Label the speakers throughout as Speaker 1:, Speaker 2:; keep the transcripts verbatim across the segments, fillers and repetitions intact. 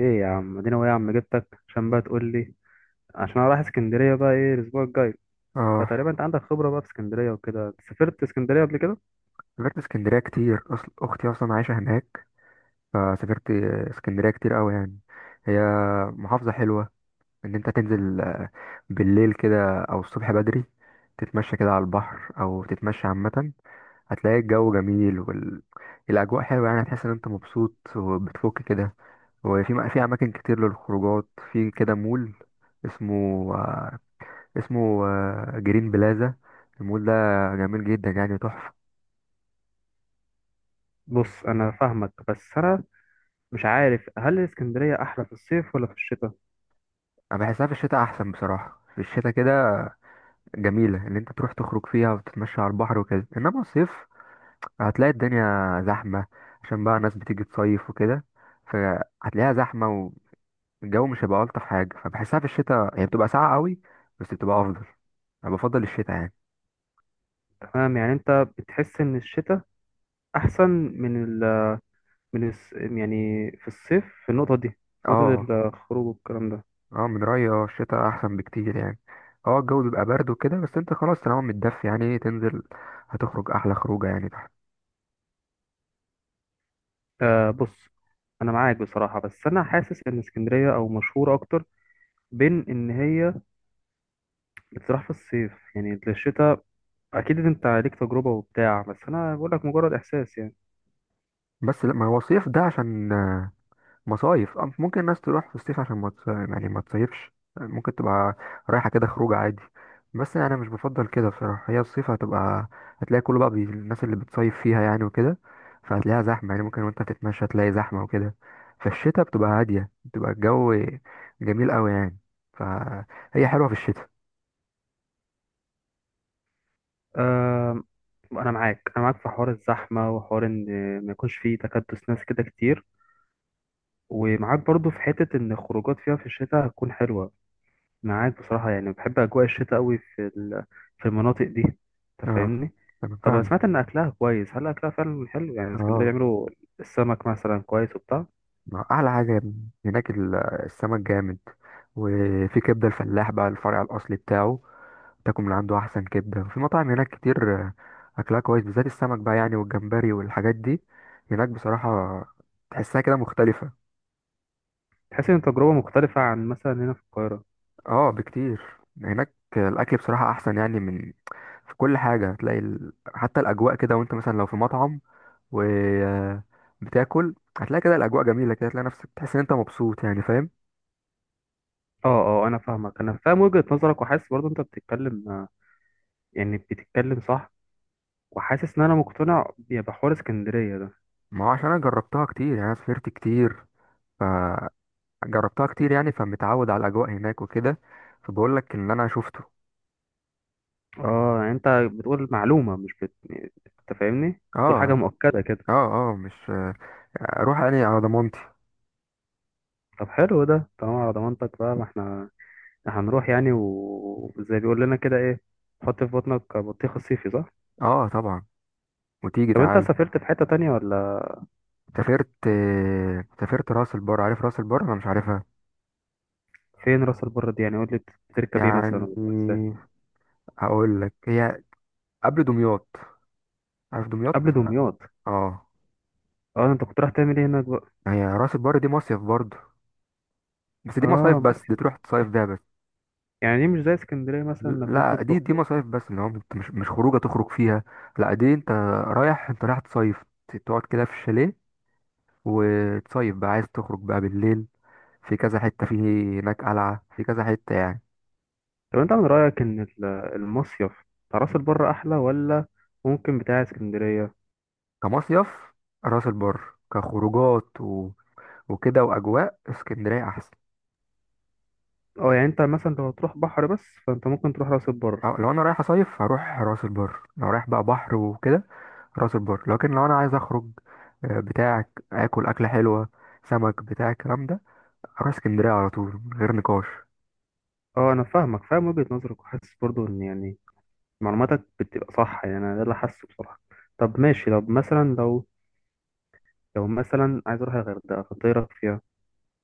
Speaker 1: ايه يا عم ادينا ايه يا عم جبتك عشان بقى تقول لي. عشان انا رايح اسكندريه بقى ايه الاسبوع الجاي.
Speaker 2: اه.
Speaker 1: فتقريبا انت عندك خبره بقى في اسكندريه وكده، سافرت اسكندريه قبل كده؟
Speaker 2: سافرت اسكندرية كتير، أصل أختي أصلا عايشة هناك، فسافرت اسكندرية كتير أوي يعني. هي محافظة حلوة، إن أنت تنزل آه، بالليل كده أو الصبح بدري تتمشى كده على البحر أو تتمشى عامة، هتلاقي الجو جميل والأجواء حلوة، يعني هتحس إن أنت مبسوط وبتفك كده. وفي م- في أماكن كتير للخروجات، في كده مول اسمه آه، اسمه آه، جرين بلازا. المول ده جميل جدا يعني تحفة.
Speaker 1: بص انا فاهمك، بس انا مش عارف هل اسكندريه احلى في الصيف ولا في الشتاء.
Speaker 2: انا بحسها في الشتاء احسن بصراحه، في الشتاء كده جميله ان انت تروح تخرج فيها وتتمشى على البحر وكده، انما الصيف هتلاقي الدنيا زحمه عشان بقى ناس بتيجي تصيف وكده، فهتلاقيها زحمه والجو مش هيبقى الطف حاجه. فبحسها في الشتاء، هي بتبقى ساقعه قوي بس بتبقى افضل، انا بفضل الشتاء يعني.
Speaker 1: تمام، يعني انت بتحس ان الشتاء احسن من ال، من الس يعني في الصيف، في النقطه دي، في نقطه
Speaker 2: اه.
Speaker 1: الخروج والكلام ده.
Speaker 2: اه. من رايي، اه، الشتاء احسن بكتير يعني. اه، الجو بيبقى برد وكده، بس انت خلاص طالما متدفي يعني تنزل، هتخرج احلى خروجه يعني تحت.
Speaker 1: آه بص، انا معاك بصراحه، بس انا حاسس ان اسكندريه او مشهوره اكتر بين ان هي بتروح في الصيف يعني. الشتاء اكيد انت ليك تجربة وبتاع، بس انا بقول لك مجرد احساس يعني.
Speaker 2: بس لا، ما هو صيف ده عشان مصايف، أم- ممكن الناس تروح في الصيف عشان ما تص- يعني ما تصيفش، ممكن تبقى رايحة كده خروج عادي. بس يعني أنا مش بفضل كده بصراحة، هي الصيف هتبقى، هتلاقي كله بقى بي... الناس اللي بتصيف فيها يعني وكده، فهتلاقيها زحمة يعني، ممكن وانت تتمشى تلاقي زحمة وكده. في الشتاء بتبقى هادية، بتبقى الجو جميل قوي يعني، فهي حلوة في الشتاء.
Speaker 1: أه انا معاك، انا معاك في حوار الزحمة وحوار ان ما يكونش فيه تكدس ناس كده كتير، ومعاك برضو في حتة ان الخروجات فيها في الشتاء هتكون حلوة. معاك بصراحة، يعني بحب اجواء الشتاء قوي في ال- في المناطق دي، انت
Speaker 2: اه،
Speaker 1: فاهمني.
Speaker 2: انا
Speaker 1: طب انا سمعت
Speaker 2: فاهمك.
Speaker 1: ان اكلها كويس، هل اكلها فعلا حلو يعني؟ اسكندرية
Speaker 2: اه.
Speaker 1: بيعملوا السمك مثلا كويس وبتاع؟
Speaker 2: ما احلى حاجة هناك، ال- السمك جامد. وفي كبدة الفلاح بقى، الفرع الأصلي بتاعه، تاكل من عنده احسن كبده. في مطاعم هناك كتير. آه، اكلها كويس بالذات السمك بقى يعني، والجمبري والحاجات دي هناك بصراحه تحسها كده مختلفه.
Speaker 1: تحس ان تجربة مختلفة عن مثلا هنا في القاهرة؟
Speaker 2: اه، بكتير. هناك الاكل بصراحه احسن يعني، من في كل حاجه هتلاقي ال... حتى الاجواء كده، وانت مثلا لو في مطعم و آه، بتاكل هتلاقي كده الاجواء جميله كده، هتلاقي نفسك تحس ان انت مبسوط يعني، فاهم.
Speaker 1: اه. اه انا فاهمك، انا فاهم وجهة نظرك، وحاسس برضه انت بتتكلم، آه، يعني بتتكلم صح، وحاسس ان انا مقتنع يا بحوار اسكندرية ده.
Speaker 2: ما هو عشان انا جربتها كتير يعني، انا سافرت كتير فجربتها كتير يعني، فمتعود على الاجواء هناك وكده، فبقول لك ان انا شفته.
Speaker 1: اه يعني انت بتقول معلومة مش بت... انت فاهمني، بتقول
Speaker 2: اه.
Speaker 1: حاجة مؤكدة كده.
Speaker 2: اه. اه، مش اروح اني على ضمانتي.
Speaker 1: طب حلو ده طالما على ضمانتك بقى، ما احنا إحنا هنروح يعني و- وزي بيقول لنا كده ايه، حط في بطنك بطيخ الصيفي، صح؟
Speaker 2: اه، طبعا. وتيجي
Speaker 1: طب انت
Speaker 2: تعالى.
Speaker 1: سافرت في حتة تانية ولا؟
Speaker 2: سافرت. سافرت راس البر، عارف راس البر؟ انا مش عارفها.
Speaker 1: فين راس البر دي يعني؟ قول لي، بتركب ايه مثلا
Speaker 2: يعني
Speaker 1: ولا بتروح إزاي؟
Speaker 2: هقول لك، هي قبل دمياط، عارف دمياط؟
Speaker 1: قبل دمياط.
Speaker 2: اه.
Speaker 1: اه انت كنت رايح تعمل ايه هناك بقى؟
Speaker 2: هي راس البر دي مصيف برضه، بس دي مصايف
Speaker 1: اه
Speaker 2: بس، دي
Speaker 1: مصيف،
Speaker 2: تروح تصيف بيها بس.
Speaker 1: يعني دي مش زي اسكندرية مثلا انك
Speaker 2: لا،
Speaker 1: ممكن
Speaker 2: دي دي
Speaker 1: تخرج؟
Speaker 2: مصايف بس، اللي هو انت مش مش خروجه تخرج فيها. لا، دي انت رايح انت رايح تصيف، تقعد كده في الشاليه وتصيف بقى. عايز تخرج بقى بالليل، في كذا حتة، فيه هناك قلعة، في كذا حتة يعني.
Speaker 1: طب انت من رأيك ان ال- المصيف بتاع راس البر احلى ولا ممكن بتاع اسكندرية؟
Speaker 2: كمصيف، راس البر. كخروجات و... وكده وأجواء، اسكندرية أحسن.
Speaker 1: اه يعني انت مثلا لو هتروح بحر بس، فانت ممكن تروح راس البر.
Speaker 2: أه، لو أنا رايح أصيف هروح راس البر، لو رايح بقى بحر وكده راس البر. لكن لو أنا عايز أخرج، آه، بتاعك آكل أكلة حلوة سمك بتاع الكلام ده، أروح اسكندرية على طول من غير نقاش.
Speaker 1: اه انا فاهمك، فاهم وجهة نظرك، وحاسس برضو ان يعني معلوماتك بتبقى صح، يعني انا ده اللي حاسه بصراحة. طب ماشي، طب مثلا لو، لو مثلا عايز اروح الغردقة، فانت ايه رأيك فيها؟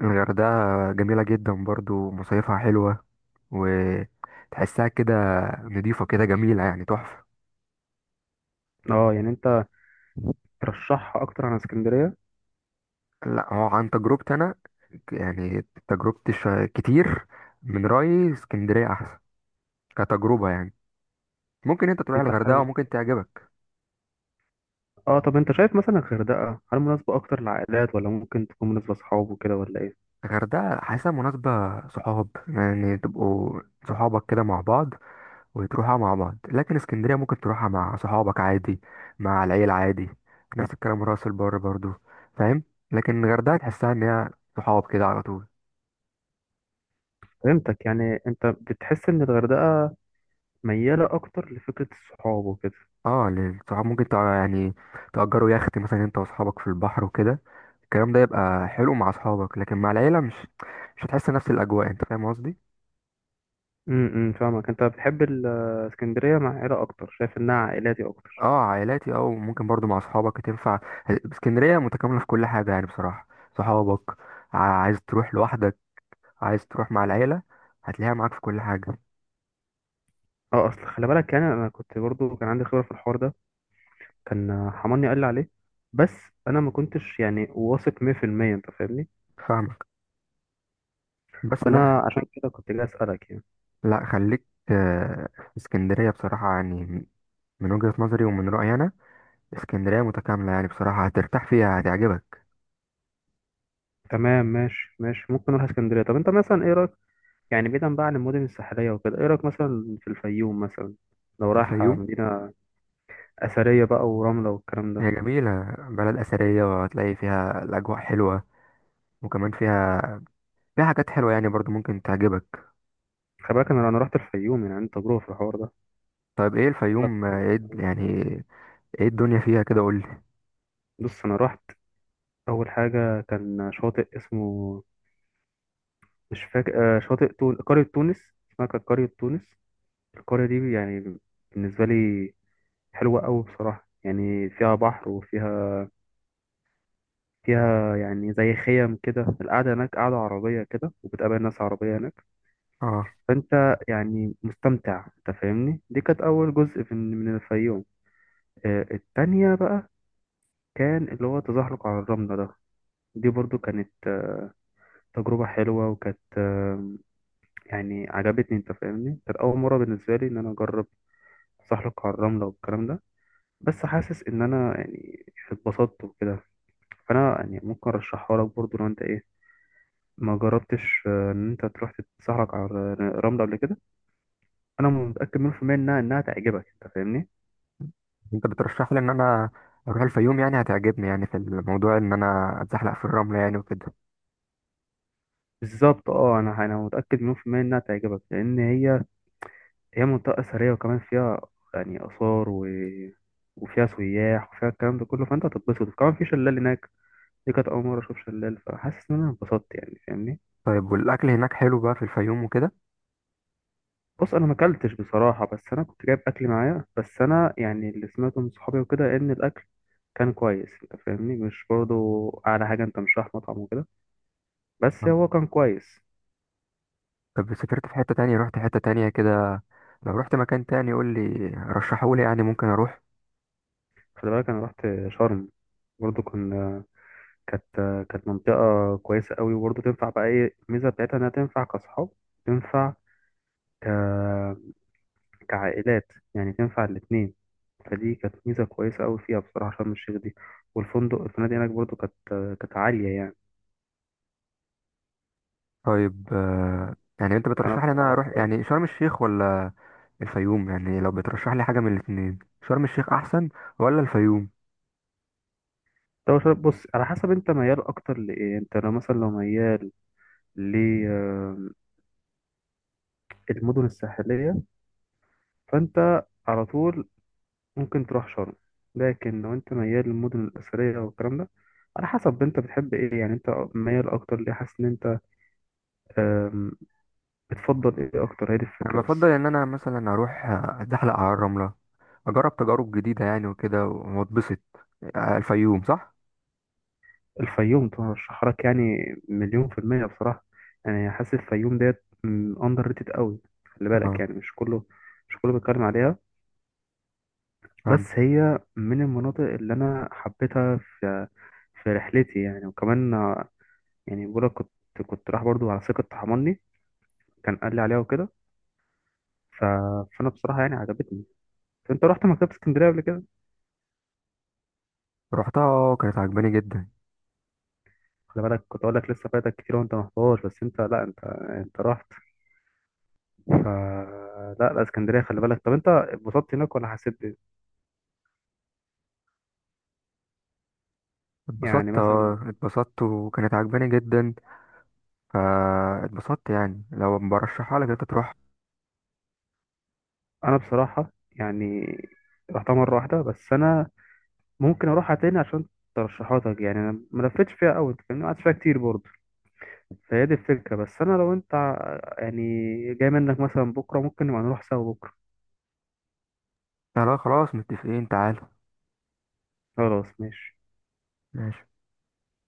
Speaker 2: الغردقة جميلة جدا برضو، مصيفها حلوة، وتحسها كده نضيفة كده جميلة يعني تحفة.
Speaker 1: اه يعني انت ترشحها اكتر عن اسكندرية؟
Speaker 2: لا، هو عن تجربتي انا ك- يعني تجربتي شا- كتير، من رأيي اسكندرية احسن كتجربة يعني. ممكن انت تروح
Speaker 1: انت
Speaker 2: الغردقة
Speaker 1: حابب،
Speaker 2: وممكن تعجبك.
Speaker 1: اه طب انت شايف مثلا الغردقة هل مناسبة اكتر للعائلات ولا ممكن تكون مناسبة لاصحاب وكده ولا ايه؟
Speaker 2: الغردقة حاسة مناسبة صحاب، يعني تبقوا صحابك كده مع بعض وتروحها مع بعض. لكن اسكندرية ممكن تروحها مع صحابك عادي، مع العيلة عادي، نفس الكلام راس البر برضو، فاهم. لكن الغردقة تحسها ان هي صحاب كده على طول.
Speaker 1: فهمتك، يعني انت بتحس ان الغردقة ميالة اكتر لفكرة الصحاب وكده.
Speaker 2: اه، للصحاب ممكن تع- يعني تأجروا يخت مثلا انت واصحابك في البحر وكده، الكلام ده يبقى حلو مع اصحابك. لكن مع العيلة، مش مش هتحس نفس الاجواء، انت فاهم قصدي.
Speaker 1: امم فاهمك، انت بتحب الاسكندرية مع عيلة اكتر، شايف انها عائلاتي اكتر.
Speaker 2: اه، عائلاتي، اه، وممكن برضو مع اصحابك تنفع، اسكندرية متكاملة في كل حاجة يعني بصراحة. صحابك، ع- عايز تروح لوحدك، عايز تروح مع العيلة، هتلاقيها معاك في كل حاجة.
Speaker 1: اه اصل خلي بالك، يعني انا كنت برضو كان عندي خبرة في الحوار ده، كان حماني قال لي عليه، بس انا ما كنتش يعني واثق مية في المية انت فاهمني.
Speaker 2: فاهمك، بس لا خ-
Speaker 1: فانا عشان كده كنت جاي اسالك يعني.
Speaker 2: لا خليك. آه، في اسكندرية بصراحة يعني، من وجهة نظري ومن رأيي انا اسكندرية متكاملة يعني بصراحة، هترتاح فيها هتعجبك.
Speaker 1: تمام ماشي ماشي، ممكن نروح اسكندرية. طب انت مثلا ايه رايك، يعني بعيدا بقى عن المدن الساحلية وكده، ايه رايك مثلا في الفيوم مثلا؟ لو رايح
Speaker 2: الفيوم،
Speaker 1: مدينة اثريه بقى ورمله والكلام
Speaker 2: هي
Speaker 1: ده.
Speaker 2: جميلة بلد أثرية، وهتلاقي فيها الأجواء حلوة، وكمان فيها فيها حاجات حلوة يعني، برضو ممكن تعجبك.
Speaker 1: خلي بالك انا انا رحت الفيوم، يعني عندي تجربه في الحوار ده.
Speaker 2: طيب، ايه
Speaker 1: بقول لك،
Speaker 2: الفيوم؟ آه، ايه الد- يعني ايه الدنيا فيها كده؟ قولي.
Speaker 1: بص انا رحت، اول حاجه كان شاطئ اسمه، مش فاكر، آه، شاطئ تون... قريه تونس، اسمها كانت قريه تونس. القريه دي يعني بالنسبه لي حلوه قوي بصراحه، يعني فيها بحر وفيها، فيها يعني زي خيم كده، القعده هناك قعده عربيه كده، وبتقابل ناس عربيه هناك.
Speaker 2: اه،
Speaker 1: فانت يعني مستمتع، انت فاهمني. دي كانت اول جزء من من الفيوم. آه، التانية بقى كان اللي هو تزحلق على الرملة ده. دي برضو كانت، آه، تجربة حلوة، وكانت، آه، يعني عجبتني، انت فاهمني. كانت أول مرة بالنسبة لي إن أنا أجرب تزحلق على الرملة والكلام ده. بس حاسس إن أنا يعني اتبسطت وكده. فأنا يعني ممكن أرشحها لك برضو لو أنت إيه، ما جربتش، آه، إن أنت تروح تتزحلق على الرملة قبل كده. أنا متأكد مليون في المية إنها إنها تعجبك، أنت فاهمني.
Speaker 2: انت بترشح لي ان انا اروح الفيوم يعني، هتعجبني يعني في الموضوع ان انا اتزحلق في الرملة يعني وكده.
Speaker 1: بالظبط، أه أنا أنا متأكد مليون في المية إنها تعجبك، لأن هي هي منطقة أثرية، وكمان فيها يعني آثار و... وفيها سياح وفيها الكلام ده كله، فأنت هتتبسط. كمان في شلال هناك، دي كانت أول مرة أشوف شلال، فحاسس إن أنا اتبسطت يعني، فاهمني.
Speaker 2: طيب، والاكل هناك حلو بقى في الفيوم وكده؟
Speaker 1: بص أنا ما أكلتش بصراحة، بس أنا كنت جايب أكل معايا، بس أنا يعني اللي سمعته من صحابي وكده إن الأكل كان كويس، أنت فاهمني. مش برضه أعلى حاجة، أنت مش رايح مطعم وكده، بس
Speaker 2: طب،
Speaker 1: هو كان كويس.
Speaker 2: طب، سافرت في حتة تانية؟ رحت حتة تانية كده؟ لو رحت مكان تاني قول لي، رشحولي يعني ممكن اروح.
Speaker 1: خلي بالك أنا رحت شرم، برضه كان، كانت كانت منطقة كويسة قوي، وبرضه تنفع بقى. ايه الميزة بتاعتها، انها تنفع كأصحاب، تنفع ك... كعائلات يعني، تنفع الاتنين. فدي كانت ميزة كويسة قوي فيها بصراحة شرم الشيخ دي. والفندق الفنادق هناك برضه كانت، كانت عالية يعني.
Speaker 2: طيب، آه، يعني انت
Speaker 1: فأنا
Speaker 2: بترشح لي ان انا
Speaker 1: بصراحة
Speaker 2: اروح
Speaker 1: كويس.
Speaker 2: يعني شرم الشيخ ولا الفيوم؟ يعني لو بترشح لي حاجة من الاتنين، شرم الشيخ أحسن ولا الفيوم؟
Speaker 1: طب شرم- بص، على حسب انت ميال اكتر لايه. انت لو مثلا لو ميال للمدن الساحلية، فانت على طول ممكن تروح شرم. لكن لو انت ميال للمدن الأثرية والكلام ده، على حسب انت بتحب ايه يعني. انت ميال اكتر ليه، حاسس ان انت، آم، بتفضل ايه اكتر، هي دي
Speaker 2: أنا
Speaker 1: الفكرة
Speaker 2: بفضل
Speaker 1: بس.
Speaker 2: إن أنا مثلا أروح أتزحلق على الرملة، أجرب تجارب جديدة يعني وكده وأتبسط. آه، الفيوم صح؟
Speaker 1: الفيوم ترشح لك يعني مليون في المية بصراحة. يعني حاسس الفيوم ديت اندر ريتد قوي. خلي بالك
Speaker 2: اه،
Speaker 1: يعني مش كله مش كله بيتكلم عليها، بس
Speaker 2: فاهم.
Speaker 1: هي من المناطق اللي انا حبيتها في في رحلتي يعني. وكمان آه، يعني بقولك كنت كنت رايح برضو على ثقة حماني، كان قال لي عليها وكده. ف... فانا بصراحه يعني عجبتني. انت رحت مكتبه اسكندريه قبل كده؟
Speaker 2: رحتها، آه، كانت عجباني جدا.
Speaker 1: خلي بالك كنت اقول لك لسه فايتك كتير وانت ما رحتهاش، بس انت لا انت، انت رحت. ف لا لا اسكندريه، خلي بالك. طب انت اتبسطت هناك ولا حسيت بإيه؟ يعني
Speaker 2: اتبسطت،
Speaker 1: مثلا.
Speaker 2: اه اتبسطت وكانت عجباني جدا. فا اتبسطت يعني، لو برشحها لك انت تروح.
Speaker 1: انا بصراحه يعني رحتها مره واحده، بس انا ممكن اروحها تاني عشان ترشيحاتك يعني. انا ما لفتش فيها قوي، انت فاهمني، ما قعدتش فيها كتير برضه. فهي دي الفكره بس. انا لو انت ع- يعني جاي منك مثلا بكره، ممكن نبقى نروح سوا بكره.
Speaker 2: لا، لا، خلاص متفقين، تعال.
Speaker 1: خلاص ماشي.
Speaker 2: ماشي.